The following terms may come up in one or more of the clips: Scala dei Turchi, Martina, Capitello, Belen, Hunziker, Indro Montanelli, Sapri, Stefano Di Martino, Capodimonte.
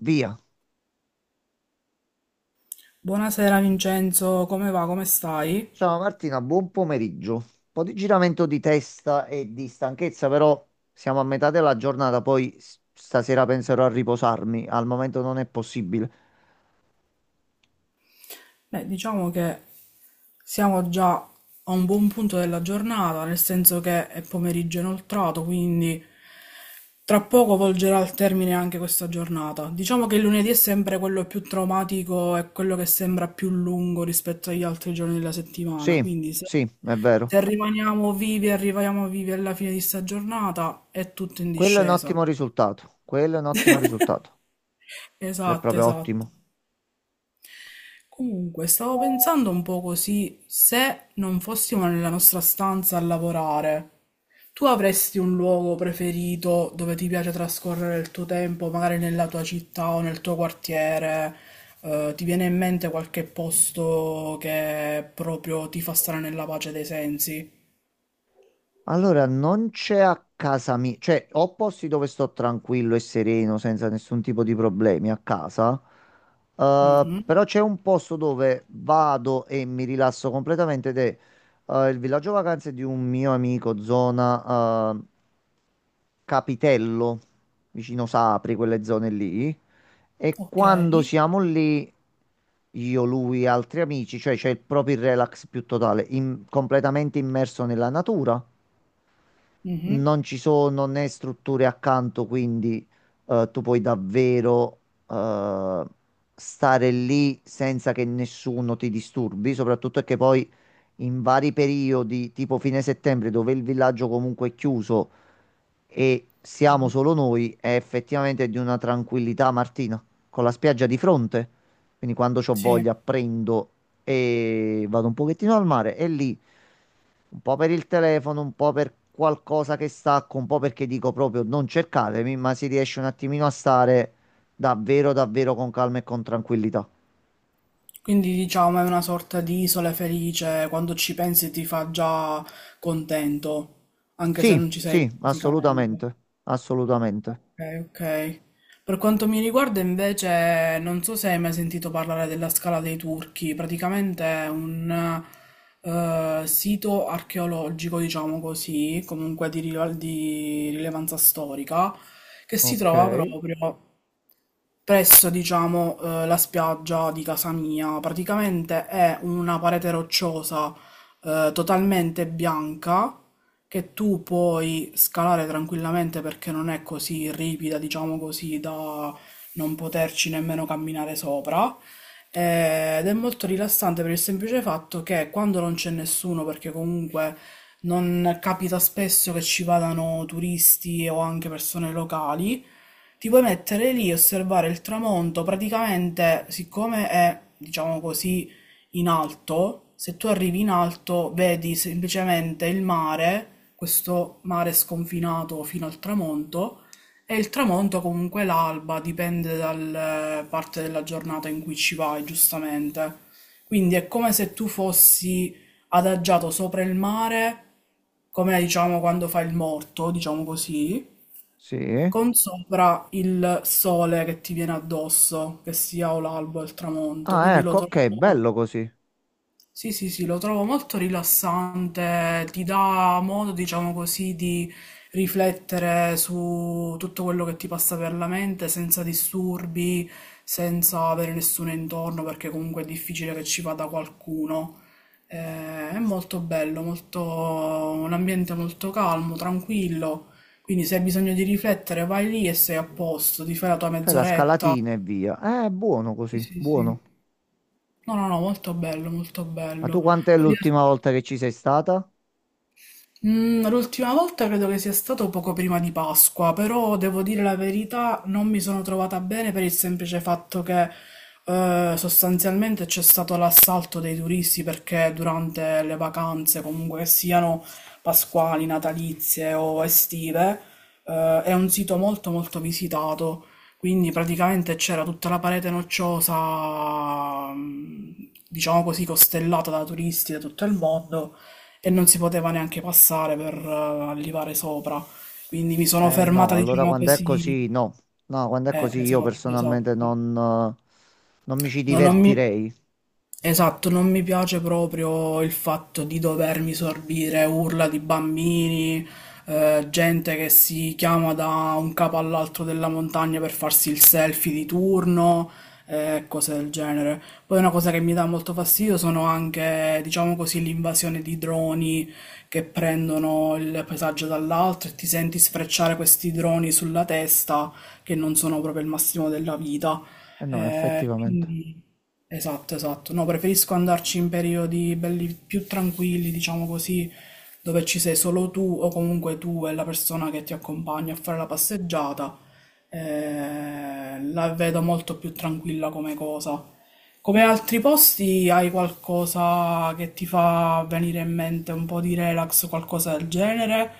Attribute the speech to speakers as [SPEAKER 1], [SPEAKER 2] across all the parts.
[SPEAKER 1] Via.
[SPEAKER 2] Buonasera Vincenzo, come va? Come stai?
[SPEAKER 1] Ciao Martina, buon pomeriggio. Un po' di giramento di testa e di stanchezza, però siamo a metà della giornata, poi stasera penserò a riposarmi. Al momento non è possibile.
[SPEAKER 2] Beh, diciamo che siamo già a un buon punto della giornata, nel senso che è pomeriggio inoltrato, quindi tra poco volgerà al termine anche questa giornata. Diciamo che il lunedì è sempre quello più traumatico e quello che sembra più lungo rispetto agli altri giorni della settimana,
[SPEAKER 1] Sì,
[SPEAKER 2] quindi se,
[SPEAKER 1] sì, è vero.
[SPEAKER 2] se rimaniamo vivi, arriviamo vivi alla fine di sta giornata, è tutto in
[SPEAKER 1] Quello è un
[SPEAKER 2] discesa.
[SPEAKER 1] ottimo risultato. Quello è un ottimo risultato. Quello è
[SPEAKER 2] Esatto,
[SPEAKER 1] proprio
[SPEAKER 2] esatto.
[SPEAKER 1] ottimo.
[SPEAKER 2] Comunque, stavo pensando un po' così, se non fossimo nella nostra stanza a lavorare, tu avresti un luogo preferito dove ti piace trascorrere il tuo tempo, magari nella tua città o nel tuo quartiere? Ti viene in mente qualche posto che proprio ti fa stare nella pace dei sensi?
[SPEAKER 1] Allora, non c'è a casa mia, cioè ho posti dove sto tranquillo e sereno senza nessun tipo di problemi a casa,
[SPEAKER 2] Mhm.
[SPEAKER 1] però c'è un posto dove vado e mi rilasso completamente ed è il villaggio vacanze di un mio amico, zona Capitello, vicino Sapri, quelle zone lì. E
[SPEAKER 2] Ok.
[SPEAKER 1] quando siamo lì, io, lui e altri amici, cioè c'è il proprio il relax più totale, completamente immerso nella natura,
[SPEAKER 2] Mhm.
[SPEAKER 1] non ci sono né strutture accanto, quindi tu puoi davvero eh, stare lì senza che nessuno ti disturbi, soprattutto è che poi in vari periodi, tipo fine settembre, dove il villaggio comunque è chiuso, e siamo solo noi, è effettivamente di una tranquillità, Martina, con la spiaggia di fronte. Quindi quando c'ho
[SPEAKER 2] Sì.
[SPEAKER 1] voglia prendo e vado un pochettino al mare e lì un po' per il telefono, un po' per qualcosa che stacco, un po' perché dico proprio non cercatemi, ma si riesce un attimino a stare davvero, davvero con calma e con tranquillità.
[SPEAKER 2] Quindi diciamo è una sorta di isola felice, quando ci pensi ti fa già contento, anche se
[SPEAKER 1] Sì,
[SPEAKER 2] non ci sei
[SPEAKER 1] sì,
[SPEAKER 2] fisicamente.
[SPEAKER 1] assolutamente, assolutamente.
[SPEAKER 2] Ok, ok. Per quanto mi riguarda invece, non so se hai mai sentito parlare della Scala dei Turchi, praticamente è un sito archeologico, diciamo così, comunque di rilevanza storica, che si
[SPEAKER 1] Ok,
[SPEAKER 2] trova proprio presso, diciamo, la spiaggia di casa mia. Praticamente è una parete rocciosa, totalmente bianca che tu puoi scalare tranquillamente perché non è così ripida, diciamo così, da non poterci nemmeno camminare sopra. Ed è molto rilassante per il semplice fatto che quando non c'è nessuno, perché comunque non capita spesso che ci vadano turisti o anche persone locali, ti puoi mettere lì e osservare il tramonto, praticamente siccome è, diciamo così, in alto, se tu arrivi in alto vedi semplicemente il mare, questo mare sconfinato fino al tramonto, e il tramonto comunque l'alba, dipende dalla parte della giornata in cui ci vai, giustamente. Quindi è come se tu fossi adagiato sopra il mare, come diciamo quando fai il morto, diciamo così,
[SPEAKER 1] sì.
[SPEAKER 2] con sopra il sole che ti viene addosso, che sia o l'alba o il tramonto,
[SPEAKER 1] Ah,
[SPEAKER 2] quindi lo
[SPEAKER 1] ecco, ok, bello
[SPEAKER 2] trovo
[SPEAKER 1] così.
[SPEAKER 2] sì, sì, sì, lo trovo molto rilassante, ti dà modo, diciamo così, di riflettere su tutto quello che ti passa per la mente senza disturbi, senza avere nessuno intorno, perché comunque è difficile che ci vada qualcuno. È molto bello, molto... un ambiente molto calmo, tranquillo, quindi se hai bisogno di riflettere vai lì e sei a posto, ti fai la tua
[SPEAKER 1] Fai la
[SPEAKER 2] mezz'oretta.
[SPEAKER 1] scalatina e via. Buono
[SPEAKER 2] Sì,
[SPEAKER 1] così,
[SPEAKER 2] sì, sì.
[SPEAKER 1] buono.
[SPEAKER 2] No, no, no, molto bello, molto
[SPEAKER 1] Ma tu
[SPEAKER 2] bello.
[SPEAKER 1] quant'è
[SPEAKER 2] Poi di-
[SPEAKER 1] l'ultima volta che ci sei stata?
[SPEAKER 2] Mm, l'ultima volta credo che sia stato poco prima di Pasqua, però devo dire la verità, non mi sono trovata bene per il semplice fatto che sostanzialmente c'è stato l'assalto dei turisti perché durante le vacanze, comunque che siano pasquali, natalizie o estive, è un sito molto molto visitato. Quindi praticamente c'era tutta la parete nocciosa, diciamo così, costellata da turisti da tutto il mondo e non si poteva neanche passare per arrivare sopra. Quindi mi sono
[SPEAKER 1] Eh
[SPEAKER 2] fermata,
[SPEAKER 1] no, allora
[SPEAKER 2] diciamo
[SPEAKER 1] quando è
[SPEAKER 2] così.
[SPEAKER 1] così, no. No, quando è così io
[SPEAKER 2] Esatto, esatto.
[SPEAKER 1] personalmente non, non mi ci
[SPEAKER 2] Non, non mi...
[SPEAKER 1] divertirei.
[SPEAKER 2] Esatto, non mi piace proprio il fatto di dovermi sorbire urla di bambini, gente che si chiama da un capo all'altro della montagna per farsi il selfie di turno, cose del genere. Poi una cosa che mi dà molto fastidio sono anche, diciamo così, l'invasione di droni che prendono il paesaggio dall'altro e ti senti sfrecciare questi droni sulla testa che non sono proprio il massimo della vita.
[SPEAKER 1] Eh no, effettivamente.
[SPEAKER 2] Quindi, esatto, esatto. No, preferisco andarci in periodi belli più tranquilli, diciamo così, dove ci sei solo tu o comunque tu e la persona che ti accompagna a fare la passeggiata. La vedo molto più tranquilla come cosa. Come altri posti, hai qualcosa che ti fa venire in mente un po' di relax, qualcosa del genere,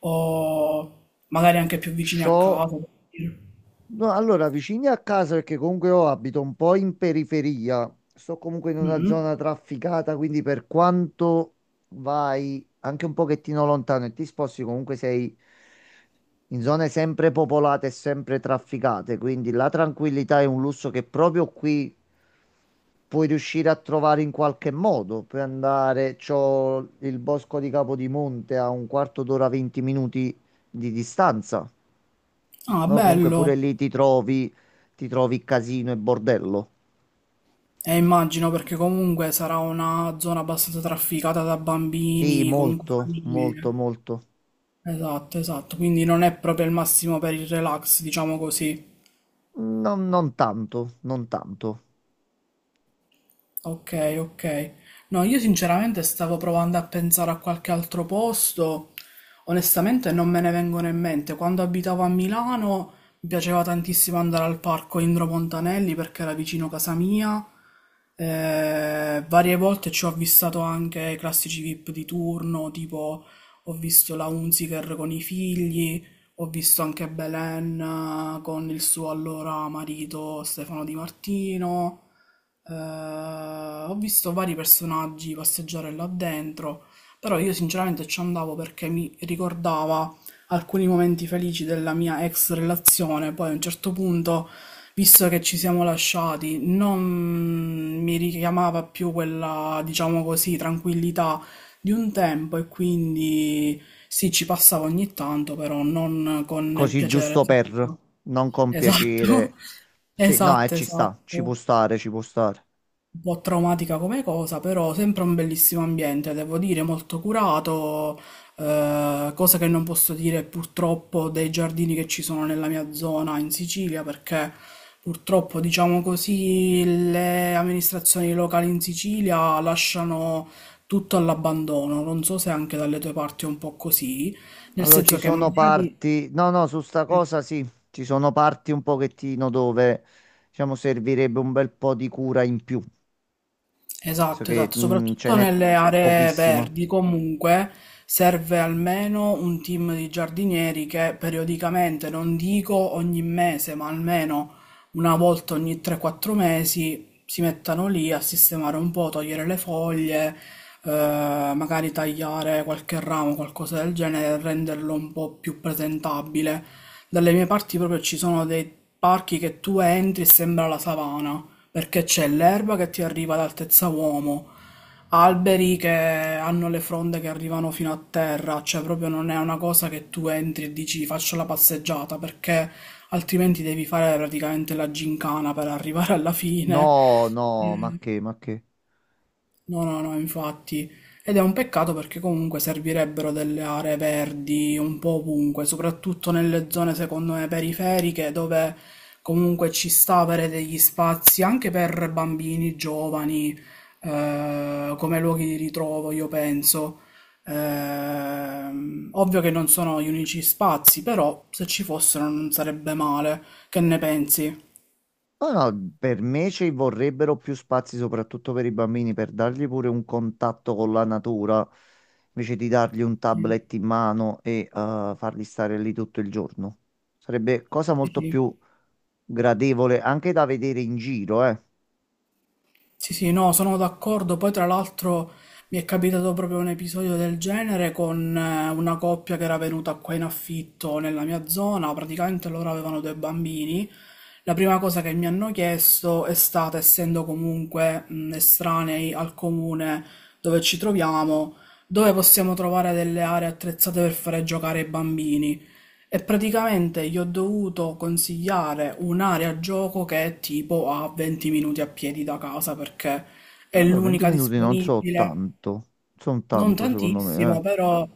[SPEAKER 2] o magari anche più vicini a
[SPEAKER 1] Ciò.
[SPEAKER 2] casa? Per dire.
[SPEAKER 1] No, allora, vicini a casa, perché comunque io abito un po' in periferia, sto comunque in una
[SPEAKER 2] Mhm.
[SPEAKER 1] zona trafficata, quindi per quanto vai anche un pochettino lontano e ti sposti, comunque sei in zone sempre popolate e sempre trafficate, quindi la tranquillità è un lusso che proprio qui puoi riuscire a trovare in qualche modo. Puoi andare, c'ho il bosco di Capodimonte a un quarto d'ora, 20 minuti di distanza.
[SPEAKER 2] Ah,
[SPEAKER 1] O comunque
[SPEAKER 2] bello.
[SPEAKER 1] pure lì ti trovi casino e bordello.
[SPEAKER 2] Immagino perché comunque sarà una zona abbastanza trafficata da
[SPEAKER 1] Sì,
[SPEAKER 2] bambini, comunque
[SPEAKER 1] molto, molto,
[SPEAKER 2] famiglie.
[SPEAKER 1] molto.
[SPEAKER 2] Esatto, esatto, quindi non è proprio il massimo per il relax, diciamo così.
[SPEAKER 1] Non, non tanto, non tanto.
[SPEAKER 2] Ok, ok. No, io sinceramente stavo provando a pensare a qualche altro posto. Onestamente non me ne vengono in mente. Quando abitavo a Milano mi piaceva tantissimo andare al parco Indro Montanelli perché era vicino casa mia. Varie volte ci ho avvistato anche i classici VIP di turno, tipo ho visto la Hunziker con i figli, ho visto anche Belen con il suo allora marito Stefano Di Martino. Eh, Ho visto vari personaggi passeggiare là dentro, però io sinceramente ci andavo perché mi ricordava alcuni momenti felici della mia ex relazione. Poi a un certo punto, visto che ci siamo lasciati, non mi richiamava più quella, diciamo così, tranquillità di un tempo e quindi sì, ci passavo ogni tanto, però non con il
[SPEAKER 1] Così
[SPEAKER 2] piacere.
[SPEAKER 1] giusto per,
[SPEAKER 2] solito.
[SPEAKER 1] non con
[SPEAKER 2] Esatto,
[SPEAKER 1] piacere. Sì, no,
[SPEAKER 2] esatto,
[SPEAKER 1] ci
[SPEAKER 2] esatto
[SPEAKER 1] sta, ci può stare, ci può stare.
[SPEAKER 2] un po' traumatica come cosa, però sempre un bellissimo ambiente, devo dire, molto curato, cosa che non posso dire purtroppo dei giardini che ci sono nella mia zona in Sicilia, perché purtroppo, diciamo così, le amministrazioni locali in Sicilia lasciano tutto all'abbandono. Non so se anche dalle tue parti è un po' così, nel
[SPEAKER 1] Allora, ci
[SPEAKER 2] senso che
[SPEAKER 1] sono
[SPEAKER 2] magari
[SPEAKER 1] parti... No, no, su sta cosa sì, ci sono parti un pochettino dove, diciamo, servirebbe un bel po' di cura in più. So
[SPEAKER 2] Esatto,
[SPEAKER 1] che
[SPEAKER 2] esatto,
[SPEAKER 1] mm, ce
[SPEAKER 2] soprattutto
[SPEAKER 1] n'è
[SPEAKER 2] nelle aree
[SPEAKER 1] pochissima.
[SPEAKER 2] verdi comunque serve almeno un team di giardinieri che periodicamente, non dico ogni mese, ma almeno una volta ogni 3-4 mesi si mettano lì a sistemare un po', togliere le foglie, magari tagliare qualche ramo, qualcosa del genere, renderlo un po' più presentabile. Dalle mie parti proprio ci sono dei parchi che tu entri e sembra la savana perché c'è l'erba che ti arriva ad altezza uomo, alberi che hanno le fronde che arrivano fino a terra, cioè proprio non è una cosa che tu entri e dici faccio la passeggiata, perché altrimenti devi fare praticamente la gincana per arrivare alla fine.
[SPEAKER 1] No, no, ma che, ma che.
[SPEAKER 2] No, no, no, infatti. Ed è un peccato perché comunque servirebbero delle aree verdi un po' ovunque, soprattutto nelle zone, secondo me, periferiche, dove comunque ci sta avere degli spazi anche per bambini, giovani, come luoghi di ritrovo, io penso. Ovvio che non sono gli unici spazi, però se ci fossero non sarebbe male. Che ne pensi?
[SPEAKER 1] No, no, per me ci vorrebbero più spazi, soprattutto per i bambini, per dargli pure un contatto con la natura, invece di dargli un
[SPEAKER 2] Sì,
[SPEAKER 1] tablet in mano e farli stare lì tutto il giorno. Sarebbe cosa
[SPEAKER 2] sì.
[SPEAKER 1] molto
[SPEAKER 2] Sì.
[SPEAKER 1] più gradevole anche da vedere in giro, eh.
[SPEAKER 2] Sì, sì, no, sono d'accordo. Poi, tra l'altro, mi è capitato proprio un episodio del genere con una coppia che era venuta qua in affitto nella mia zona. Praticamente loro avevano due bambini. La prima cosa che mi hanno chiesto è stata, essendo comunque estranei al comune dove ci troviamo, dove possiamo trovare delle aree attrezzate per fare giocare i bambini. E praticamente gli ho dovuto consigliare un'area gioco che è tipo a 20 minuti a piedi da casa perché è
[SPEAKER 1] Ah, beh, 20
[SPEAKER 2] l'unica
[SPEAKER 1] minuti non so
[SPEAKER 2] disponibile.
[SPEAKER 1] tanto, sono
[SPEAKER 2] Non
[SPEAKER 1] tanto secondo me, eh.
[SPEAKER 2] tantissimo, però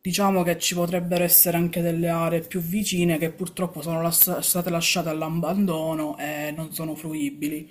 [SPEAKER 2] diciamo che ci potrebbero essere anche delle aree più vicine che purtroppo state lasciate all'abbandono e non sono fruibili.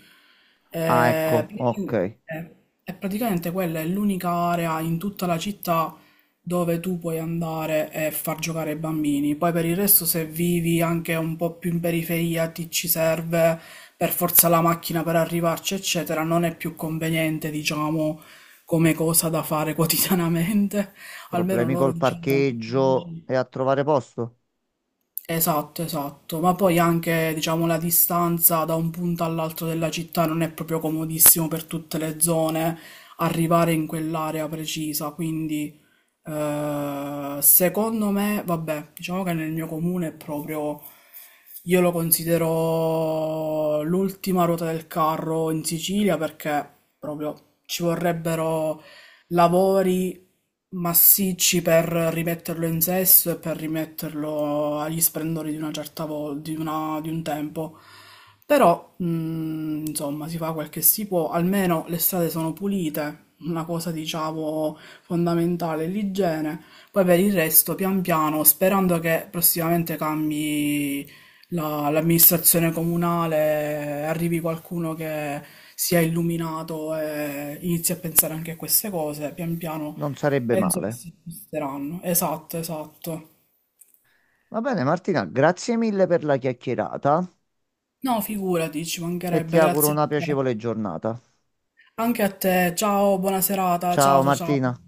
[SPEAKER 1] Ah,
[SPEAKER 2] Eh,
[SPEAKER 1] ecco, ok.
[SPEAKER 2] eh, E praticamente quella è l'unica area in tutta la città dove tu puoi andare e far giocare i bambini. Poi per il resto, se vivi anche un po' più in periferia, ti ci serve per forza la macchina per arrivarci, eccetera, non è più conveniente, diciamo come cosa da fare quotidianamente, almeno
[SPEAKER 1] Problemi
[SPEAKER 2] loro
[SPEAKER 1] col
[SPEAKER 2] diciamo.
[SPEAKER 1] parcheggio e a trovare posto?
[SPEAKER 2] Esatto, esatto, ma poi anche diciamo la distanza da un punto all'altro della città non è proprio comodissimo per tutte le zone arrivare in quell'area precisa, quindi secondo me, vabbè, diciamo che nel mio comune è proprio, io lo considero l'ultima ruota del carro in Sicilia perché proprio ci vorrebbero lavori massicci per rimetterlo in sesto e per rimetterlo agli splendori di una certa volta, di un tempo. Però, insomma, si fa quel che si può, almeno le strade sono pulite, una cosa, diciamo, fondamentale è l'igiene. Poi per il resto, pian piano, sperando che prossimamente cambi l'amministrazione comunale, arrivi qualcuno che sia illuminato e inizi a pensare anche a queste cose, pian piano.
[SPEAKER 1] Non sarebbe
[SPEAKER 2] Penso che
[SPEAKER 1] male.
[SPEAKER 2] si sposteranno. Esatto, esatto.
[SPEAKER 1] Va bene, Martina, grazie mille per la chiacchierata
[SPEAKER 2] No, figurati, ci
[SPEAKER 1] e ti
[SPEAKER 2] mancherebbe,
[SPEAKER 1] auguro
[SPEAKER 2] grazie a
[SPEAKER 1] una
[SPEAKER 2] te.
[SPEAKER 1] piacevole giornata.
[SPEAKER 2] Anche a te. Ciao, buona serata. Ciao,
[SPEAKER 1] Ciao
[SPEAKER 2] ciao,
[SPEAKER 1] Martina.
[SPEAKER 2] ciao.